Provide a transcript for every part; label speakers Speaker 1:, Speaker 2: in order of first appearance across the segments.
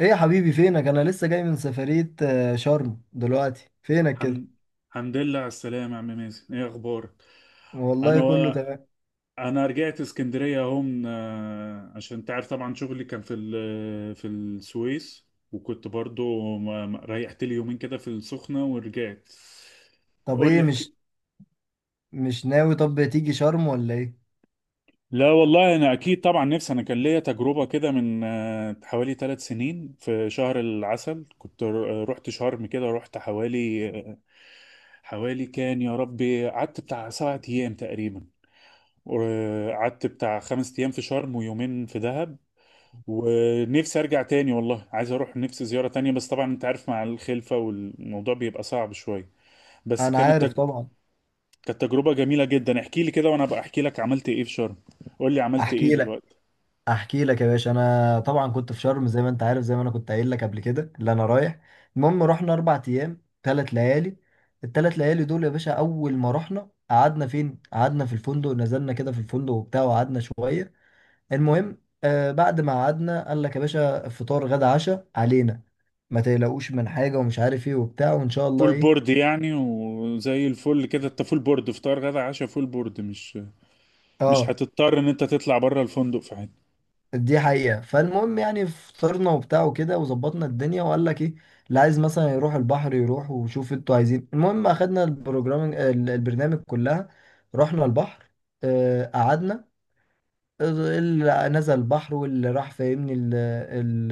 Speaker 1: ايه يا حبيبي فينك؟ انا لسه جاي من سفرية، شرم. دلوقتي فينك كده؟
Speaker 2: الحمد الحمد لله على السلامة يا عم مازن، ايه اخبارك؟ انا
Speaker 1: والله كله
Speaker 2: و...
Speaker 1: تمام.
Speaker 2: انا رجعت اسكندرية اهو، عشان تعرف طبعا شغلي كان في في السويس، وكنت برضو ريحت لي يومين كده في السخنة ورجعت.
Speaker 1: طب
Speaker 2: قول
Speaker 1: ايه،
Speaker 2: لي، احكي.
Speaker 1: مش ناوي؟ طب تيجي شرم ولا ايه؟
Speaker 2: لا والله انا اكيد طبعا نفسي، انا كان ليا تجربة كده من حوالي 3 سنين في شهر العسل، كنت رحت شرم كده، رحت حوالي كان يا ربي قعدت بتاع 7 ايام تقريبا، وقعدت بتاع 5 ايام في شرم ويومين في دهب. ونفسي ارجع تاني والله، عايز اروح، نفسي زيارة تانية، بس طبعا انت عارف مع الخلفة والموضوع بيبقى صعب شوية. بس
Speaker 1: انا
Speaker 2: كانت
Speaker 1: عارف
Speaker 2: تج...
Speaker 1: طبعا.
Speaker 2: كانت تجربة جميلة جدا. احكي لي كده وانا بقى احكي لك، عملت ايه في شرم؟ قول لي، عملت
Speaker 1: احكي
Speaker 2: ايه
Speaker 1: لك
Speaker 2: دلوقتي؟
Speaker 1: احكي لك يا باشا، انا طبعا كنت في شرم زي ما انت عارف، زي ما انا كنت قايل لك قبل كده اللي انا رايح. المهم رحنا اربع ايام ثلاث ليالي. الثلاث ليالي دول يا باشا، اول ما رحنا قعدنا فين؟ قعدنا في الفندق، نزلنا كده في الفندق وبتاع وقعدنا شوية. المهم، بعد ما قعدنا قال لك يا باشا فطار غدا عشاء علينا، ما تقلقوش من حاجه ومش عارف ايه وبتاع وان شاء الله
Speaker 2: فول
Speaker 1: ايه.
Speaker 2: بورد يعني، وزي الفل كده، انت فول بورد، فطار غدا عشاء فول بورد، مش
Speaker 1: اه،
Speaker 2: هتضطر ان انت تطلع بره الفندق في حاجة.
Speaker 1: دي حقيقه. فالمهم يعني فطرنا وبتاع وكده وظبطنا الدنيا، وقال لك ايه، اللي عايز مثلا يروح البحر يروح، وشوف انتوا عايزين. المهم اخدنا البروجرام البرنامج كلها، رحنا البحر. قعدنا، اللي نزل البحر واللي راح، فاهمني، ال-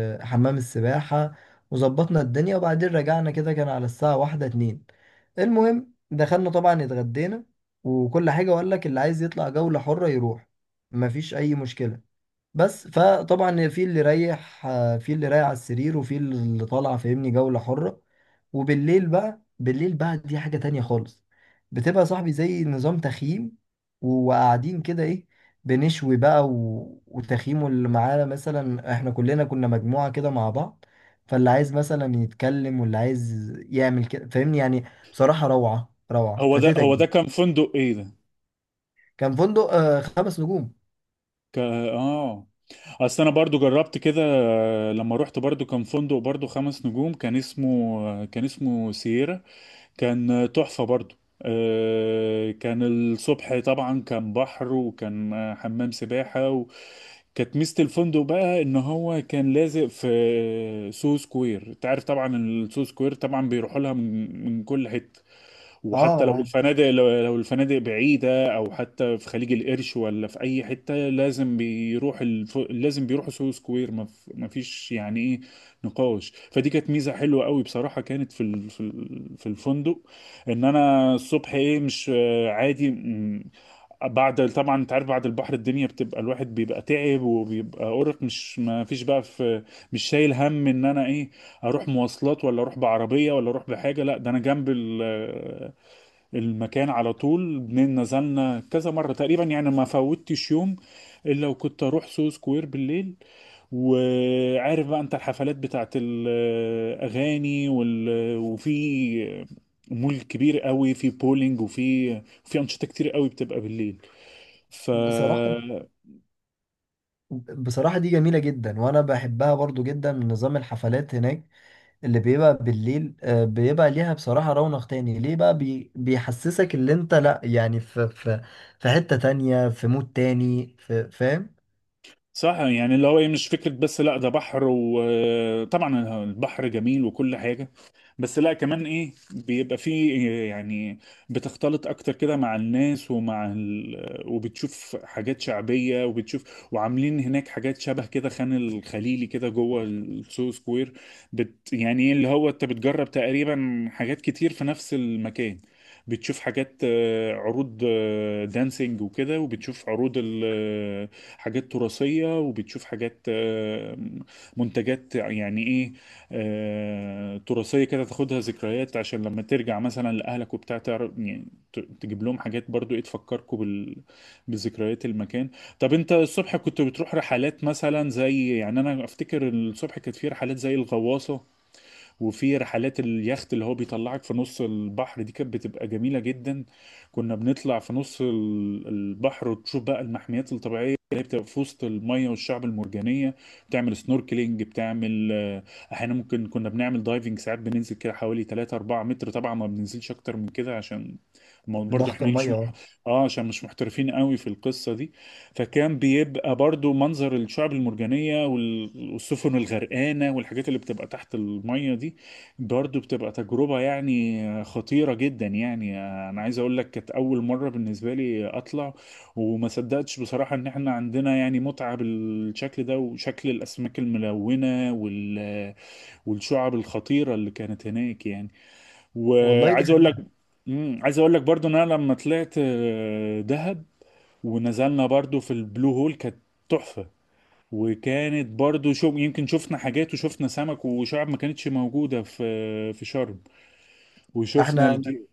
Speaker 1: ال- حمام السباحة، وظبطنا الدنيا وبعدين رجعنا كده، كان على الساعة واحدة اتنين. المهم دخلنا طبعا، اتغدينا وكل حاجة. وقال لك اللي عايز يطلع جولة حرة يروح، مفيش أي مشكلة. بس فطبعا في اللي رايح على السرير، وفي اللي طالع، فاهمني، جولة حرة. وبالليل بقى بالليل بقى دي حاجة تانية خالص. بتبقى صاحبي زي نظام تخييم وقاعدين كده ايه، بنشوي بقى و... وتخييمه. اللي معانا مثلا احنا كلنا كنا مجموعة كده مع بعض، فاللي عايز مثلا يتكلم واللي عايز يعمل كده، فاهمني يعني. بصراحة روعة روعة،
Speaker 2: هو ده
Speaker 1: فاتتك
Speaker 2: هو ده
Speaker 1: دي.
Speaker 2: كان فندق ايه ده؟
Speaker 1: كان فندق خمس نجوم.
Speaker 2: اه. اصل انا برضو جربت كده، لما رحت برضو كان فندق برضو 5 نجوم، كان اسمه، كان اسمه سييرا، كان تحفة برضو. كان الصبح طبعا كان بحر، وكان حمام سباحة. وكانت ميزة الفندق بقى ان هو كان لازق في سو سكوير. انت عارف طبعا السو سكوير طبعا بيروحوا لها من كل حتة،
Speaker 1: اه،
Speaker 2: وحتى
Speaker 1: انا
Speaker 2: لو
Speaker 1: عارف.
Speaker 2: الفنادق لو الفنادق بعيدة أو حتى في خليج القرش ولا في أي حتة لازم لازم بيروحوا سوهو سكوير، ما فيش يعني إيه نقاش. فدي كانت ميزة حلوة قوي بصراحة، كانت في الفندق، إن أنا الصبح إيه مش عادي، بعد طبعا أنت عارف، بعد البحر الدنيا بتبقى، الواحد بيبقى تعب وبيبقى أرق، مش ما فيش بقى في، مش شايل هم إن أنا إيه، أروح مواصلات ولا أروح بعربية ولا أروح بحاجة، لا ده أنا جنب المكان على طول. نزلنا كذا مرة تقريبا يعني، ما فوتش يوم الا وكنت اروح سو سكوير بالليل. وعارف بقى انت الحفلات بتاعت الاغاني وفي مول كبير قوي، في بولينج وفي انشطه كتير قوي بتبقى بالليل. ف
Speaker 1: بصراحة بصراحة دي جميلة جدا، وأنا بحبها برضو جدا من نظام الحفلات هناك. اللي بيبقى بالليل، بيبقى ليها بصراحة رونق تاني. ليه بقى؟ بيحسسك اللي أنت لأ يعني، في حتة تانية، في مود تاني، في، فاهم؟
Speaker 2: صح، يعني اللي هو إيه، مش فكره بس، لا ده بحر وطبعا البحر جميل وكل حاجه، بس لا كمان ايه بيبقى فيه يعني، بتختلط اكتر كده مع الناس، ومع وبتشوف حاجات شعبية، وبتشوف وعاملين هناك حاجات شبه كده خان الخليلي كده جوه السو سكوير. يعني إيه اللي هو انت بتجرب تقريبا حاجات كتير في نفس المكان، بتشوف حاجات، عروض، دانسينج وكده، وبتشوف عروض ال- آه، حاجات تراثية، وبتشوف حاجات، منتجات يعني ايه، تراثية كده تاخدها ذكريات، عشان لما ترجع مثلا لأهلك وبتاع تعرف يعني، تجيب لهم حاجات برضو ايه تفكركوا بذكريات المكان. طب انت الصبح كنت بتروح رحلات مثلا زي، يعني انا افتكر الصبح كانت في رحلات زي الغواصة، وفي رحلات اليخت اللي هو بيطلعك في نص البحر، دي كانت بتبقى جميلة جدا. كنا بنطلع في نص البحر وتشوف بقى المحميات الطبيعية اللي هي بتبقى في وسط المية والشعب المرجانية. بتعمل سنوركلينج، بتعمل آه، احيانا ممكن كنا بنعمل دايفنج، ساعات بننزل كده حوالي 3 4 متر، طبعا ما بننزلش اكتر من كده عشان، ما برضو
Speaker 1: ضغط
Speaker 2: احنا مش
Speaker 1: المية، اه.
Speaker 2: اه عشان مش محترفين قوي في القصة دي. فكان بيبقى برضو منظر الشعب المرجانية والسفن الغرقانة والحاجات اللي بتبقى تحت المية دي، برضو بتبقى تجربة يعني خطيرة جدا يعني. أنا عايز أقول لك كانت أول مرة بالنسبة لي أطلع، وما صدقتش بصراحة إن إحنا عندنا يعني متعة بالشكل ده، وشكل الأسماك الملونة والشعب الخطيرة اللي كانت هناك يعني.
Speaker 1: والله دي
Speaker 2: وعايز أقول لك.
Speaker 1: حقيقة.
Speaker 2: مم. عايز اقول لك برضو ان انا لما طلعت دهب ونزلنا برضو في البلو هول، كانت تحفة. وكانت برضو شو يمكن شفنا حاجات وشفنا سمك وشعب ما كانتش موجودة في شرم. وشفنا
Speaker 1: احنا
Speaker 2: الدي.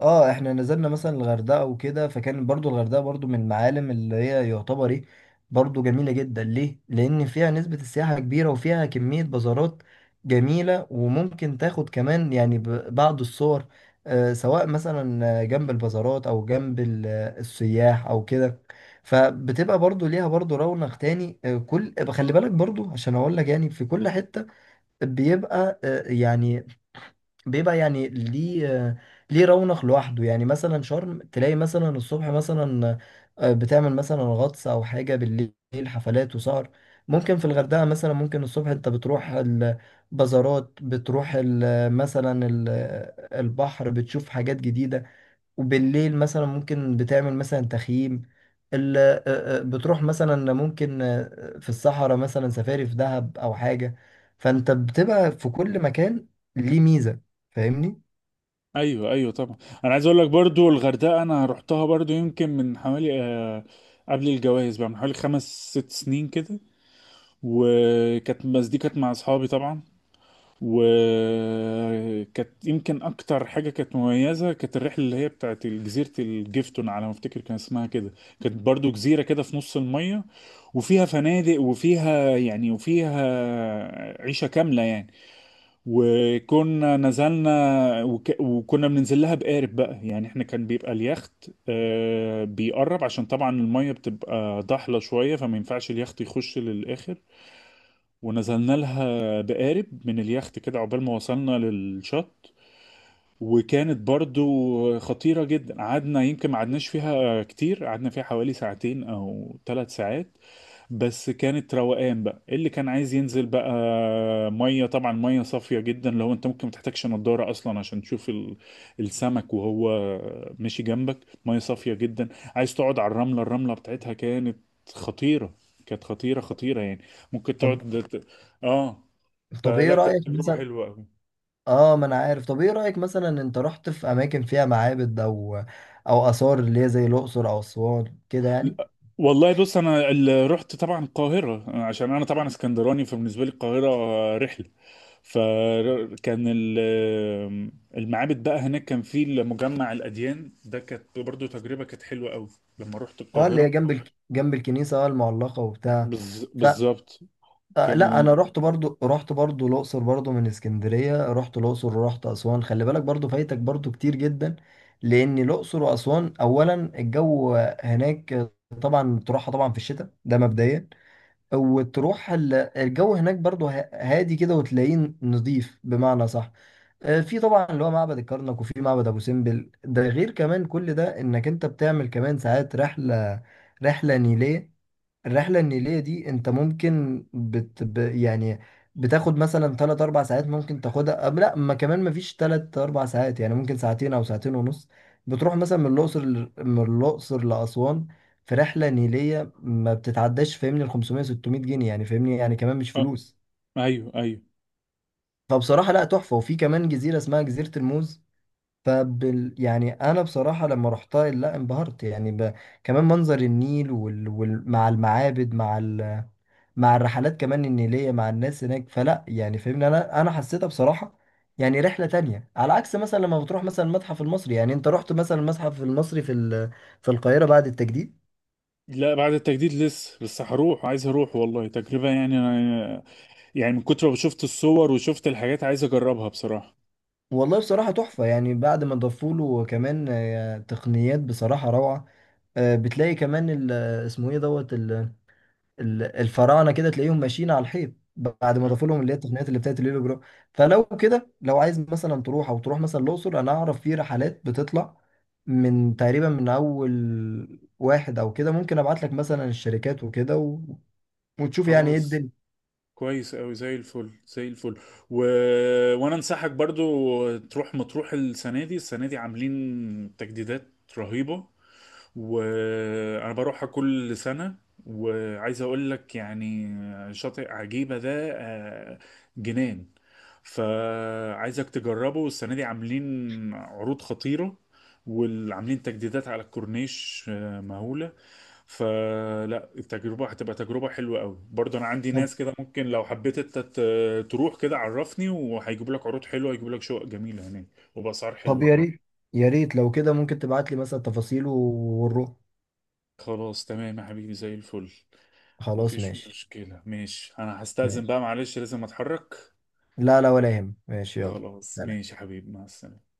Speaker 1: اه احنا نزلنا مثلا الغردقه وكده، فكان برضو الغردقه برضو من المعالم اللي هي يعتبر ايه. برضو جميله جدا، ليه؟ لان فيها نسبه السياحه كبيره، وفيها كميه بازارات جميله، وممكن تاخد كمان يعني بعض الصور، سواء مثلا جنب البازارات او جنب السياح او كده. فبتبقى برضو ليها برضو رونق تاني، خلي بالك برضو، عشان اقول لك يعني في كل حته بيبقى، يعني، بيبقى يعني ليه آه، ليه رونق لوحده. يعني مثلا شرم تلاقي مثلا الصبح مثلا بتعمل مثلا غطس او حاجه، بالليل حفلات وسهر. ممكن في الغردقه مثلا، ممكن الصبح انت بتروح البازارات، بتروح مثلا البحر، بتشوف حاجات جديده. وبالليل مثلا ممكن بتعمل مثلا تخييم، ال- آه، بتروح مثلا ممكن في الصحراء مثلا سفاري في دهب او حاجة. فانت بتبقى في كل مكان، ليه ميزة، فاهمني.
Speaker 2: ايوه، ايوه، طبعا. انا عايز اقول لك برضو الغردقة، انا رحتها برضو يمكن من حوالي قبل الجواز بقى، من حوالي 5 6 سنين كده، وكانت بس دي كانت مع اصحابي طبعا. وكانت يمكن اكتر حاجه كانت مميزه، كانت الرحله اللي هي بتاعت جزيره الجيفتون على ما افتكر كان اسمها كده. كانت برضو جزيره كده في نص الميه، وفيها فنادق وفيها يعني وفيها عيشه كامله يعني. وكنا نزلنا وكنا بننزل لها بقارب بقى، يعني احنا كان بيبقى اليخت بيقرب، عشان طبعا الميه بتبقى ضحله شويه فما ينفعش اليخت يخش للاخر. ونزلنا لها بقارب من اليخت كده عقبال ما وصلنا للشط. وكانت برضو خطيرة جدا، قعدنا يمكن ما قعدناش فيها كتير، قعدنا فيها حوالي ساعتين أو 3 ساعات. بس كانت روقان بقى، إيه اللي كان عايز ينزل بقى، مية طبعا، مية صافية جدا. لو انت ممكن ما تحتاجش نضارة أصلا عشان تشوف السمك وهو ماشي جنبك، مية صافية جدا. عايز تقعد على الرملة بتاعتها، كانت خطيرة، كانت خطيرة خطيرة يعني، ممكن
Speaker 1: طب
Speaker 2: تقعد اه.
Speaker 1: طب ايه
Speaker 2: فلا كانت
Speaker 1: رأيك
Speaker 2: تجربة
Speaker 1: مثلا،
Speaker 2: حلوة أوي.
Speaker 1: اه، ما انا عارف. طب ايه رأيك مثلا انت رحت في اماكن فيها معابد او اثار اللي هي زي الاقصر او اسوان كده يعني؟
Speaker 2: والله بص انا رحت طبعا القاهره، عشان انا طبعا اسكندراني فبالنسبه لي القاهره رحله. فكان ال- المعابد بقى هناك كان في مجمع الاديان ده، كانت برضو تجربه كانت حلوه قوي لما رحت
Speaker 1: اه، اللي هي
Speaker 2: القاهره.
Speaker 1: جنب جنب الكنيسة المعلقة وبتاع.
Speaker 2: بالظبط.
Speaker 1: لا، انا
Speaker 2: كان
Speaker 1: رحت برضو الاقصر، برضو من اسكندريه رحت الاقصر ورحت اسوان. خلي بالك برضو فايتك برضو كتير جدا. لان الاقصر واسوان اولا، الجو هناك طبعا تروحها طبعا في الشتاء ده مبدئيا، وتروح الجو هناك برضو هادي كده، وتلاقيه نظيف بمعنى صح. في طبعا اللي هو معبد الكرنك، وفي معبد ابو سمبل. ده غير كمان كل ده، انك انت بتعمل كمان ساعات رحله، رحله نيليه. الرحلة النيلية دي انت ممكن يعني بتاخد مثلا 3 4 ساعات، ممكن تاخدها لا ما كمان، ما فيش 3 4 ساعات، يعني ممكن ساعتين او ساعتين ونص. بتروح مثلا من الاقصر لاسوان، في رحلة نيلية ما بتتعداش، فاهمني، ال 500 600 جنيه يعني، فاهمني يعني، كمان مش
Speaker 2: آه
Speaker 1: فلوس.
Speaker 2: ايوه، ايوه.
Speaker 1: فبصراحة لا، تحفة. وفي كمان جزيرة اسمها جزيرة الموز. يعني انا بصراحه لما رحتها لا انبهرت يعني كمان منظر النيل مع المعابد مع الرحلات كمان النيليه، مع الناس هناك، فلا يعني فاهمني، انا حسيتها بصراحه يعني رحله تانية، على عكس مثلا لما بتروح مثلا المتحف المصري. يعني انت رحت مثلا المتحف المصري في القاهره بعد التجديد؟
Speaker 2: لا بعد التجديد لسه، بس هروح، عايز اروح والله تجربه يعني أنا، يعني من كتر ما شفت الصور وشفت الحاجات عايز اجربها بصراحه.
Speaker 1: والله بصراحه تحفه يعني، بعد ما ضافوا له كمان تقنيات بصراحه روعه. بتلاقي كمان اسمه ايه، دوت، الفراعنه كده تلاقيهم ماشيين على الحيط، بعد ما
Speaker 2: آه،
Speaker 1: ضافوا لهم اللي هي التقنيات اللي بتاعت الهيلوجرام. فلو كده، لو عايز مثلا تروح مثلا الاقصر، انا اعرف في رحلات بتطلع من تقريبا من اول واحد او كده. ممكن ابعت لك مثلا الشركات وكده وتشوف يعني ايه
Speaker 2: خلاص،
Speaker 1: الدنيا.
Speaker 2: كويس أوي زي الفل زي الفل. و... وانا انصحك برضو تروح مطروح السنه دي عاملين تجديدات رهيبه، وانا بروحها كل سنه. وعايز اقول لك يعني، شاطئ عجيبه ده، جنان. فعايزك تجربه، السنة دي عاملين عروض خطيرة، وعاملين تجديدات على الكورنيش مهولة. فلا التجربة هتبقى تجربة حلوة قوي برضه. أنا عندي
Speaker 1: طب
Speaker 2: ناس كده، ممكن لو حبيت أنت تروح كده عرفني، وهيجيبوا لك عروض حلوة، هيجيبوا لك شقق جميلة هناك وبأسعار
Speaker 1: طب
Speaker 2: حلوة
Speaker 1: يا
Speaker 2: كمان.
Speaker 1: ريت يا ريت لو كده ممكن تبعت لي مثلا تفاصيله ونروح.
Speaker 2: خلاص تمام يا حبيبي زي الفل.
Speaker 1: خلاص
Speaker 2: مفيش
Speaker 1: ماشي.
Speaker 2: مشكلة، ماشي، أنا هستأذن
Speaker 1: ماشي،
Speaker 2: بقى معلش لازم أتحرك.
Speaker 1: لا لا، ولا يهم، ماشي يلا.
Speaker 2: خلاص
Speaker 1: سلام.
Speaker 2: ماشي يا حبيبي، مع السلامة.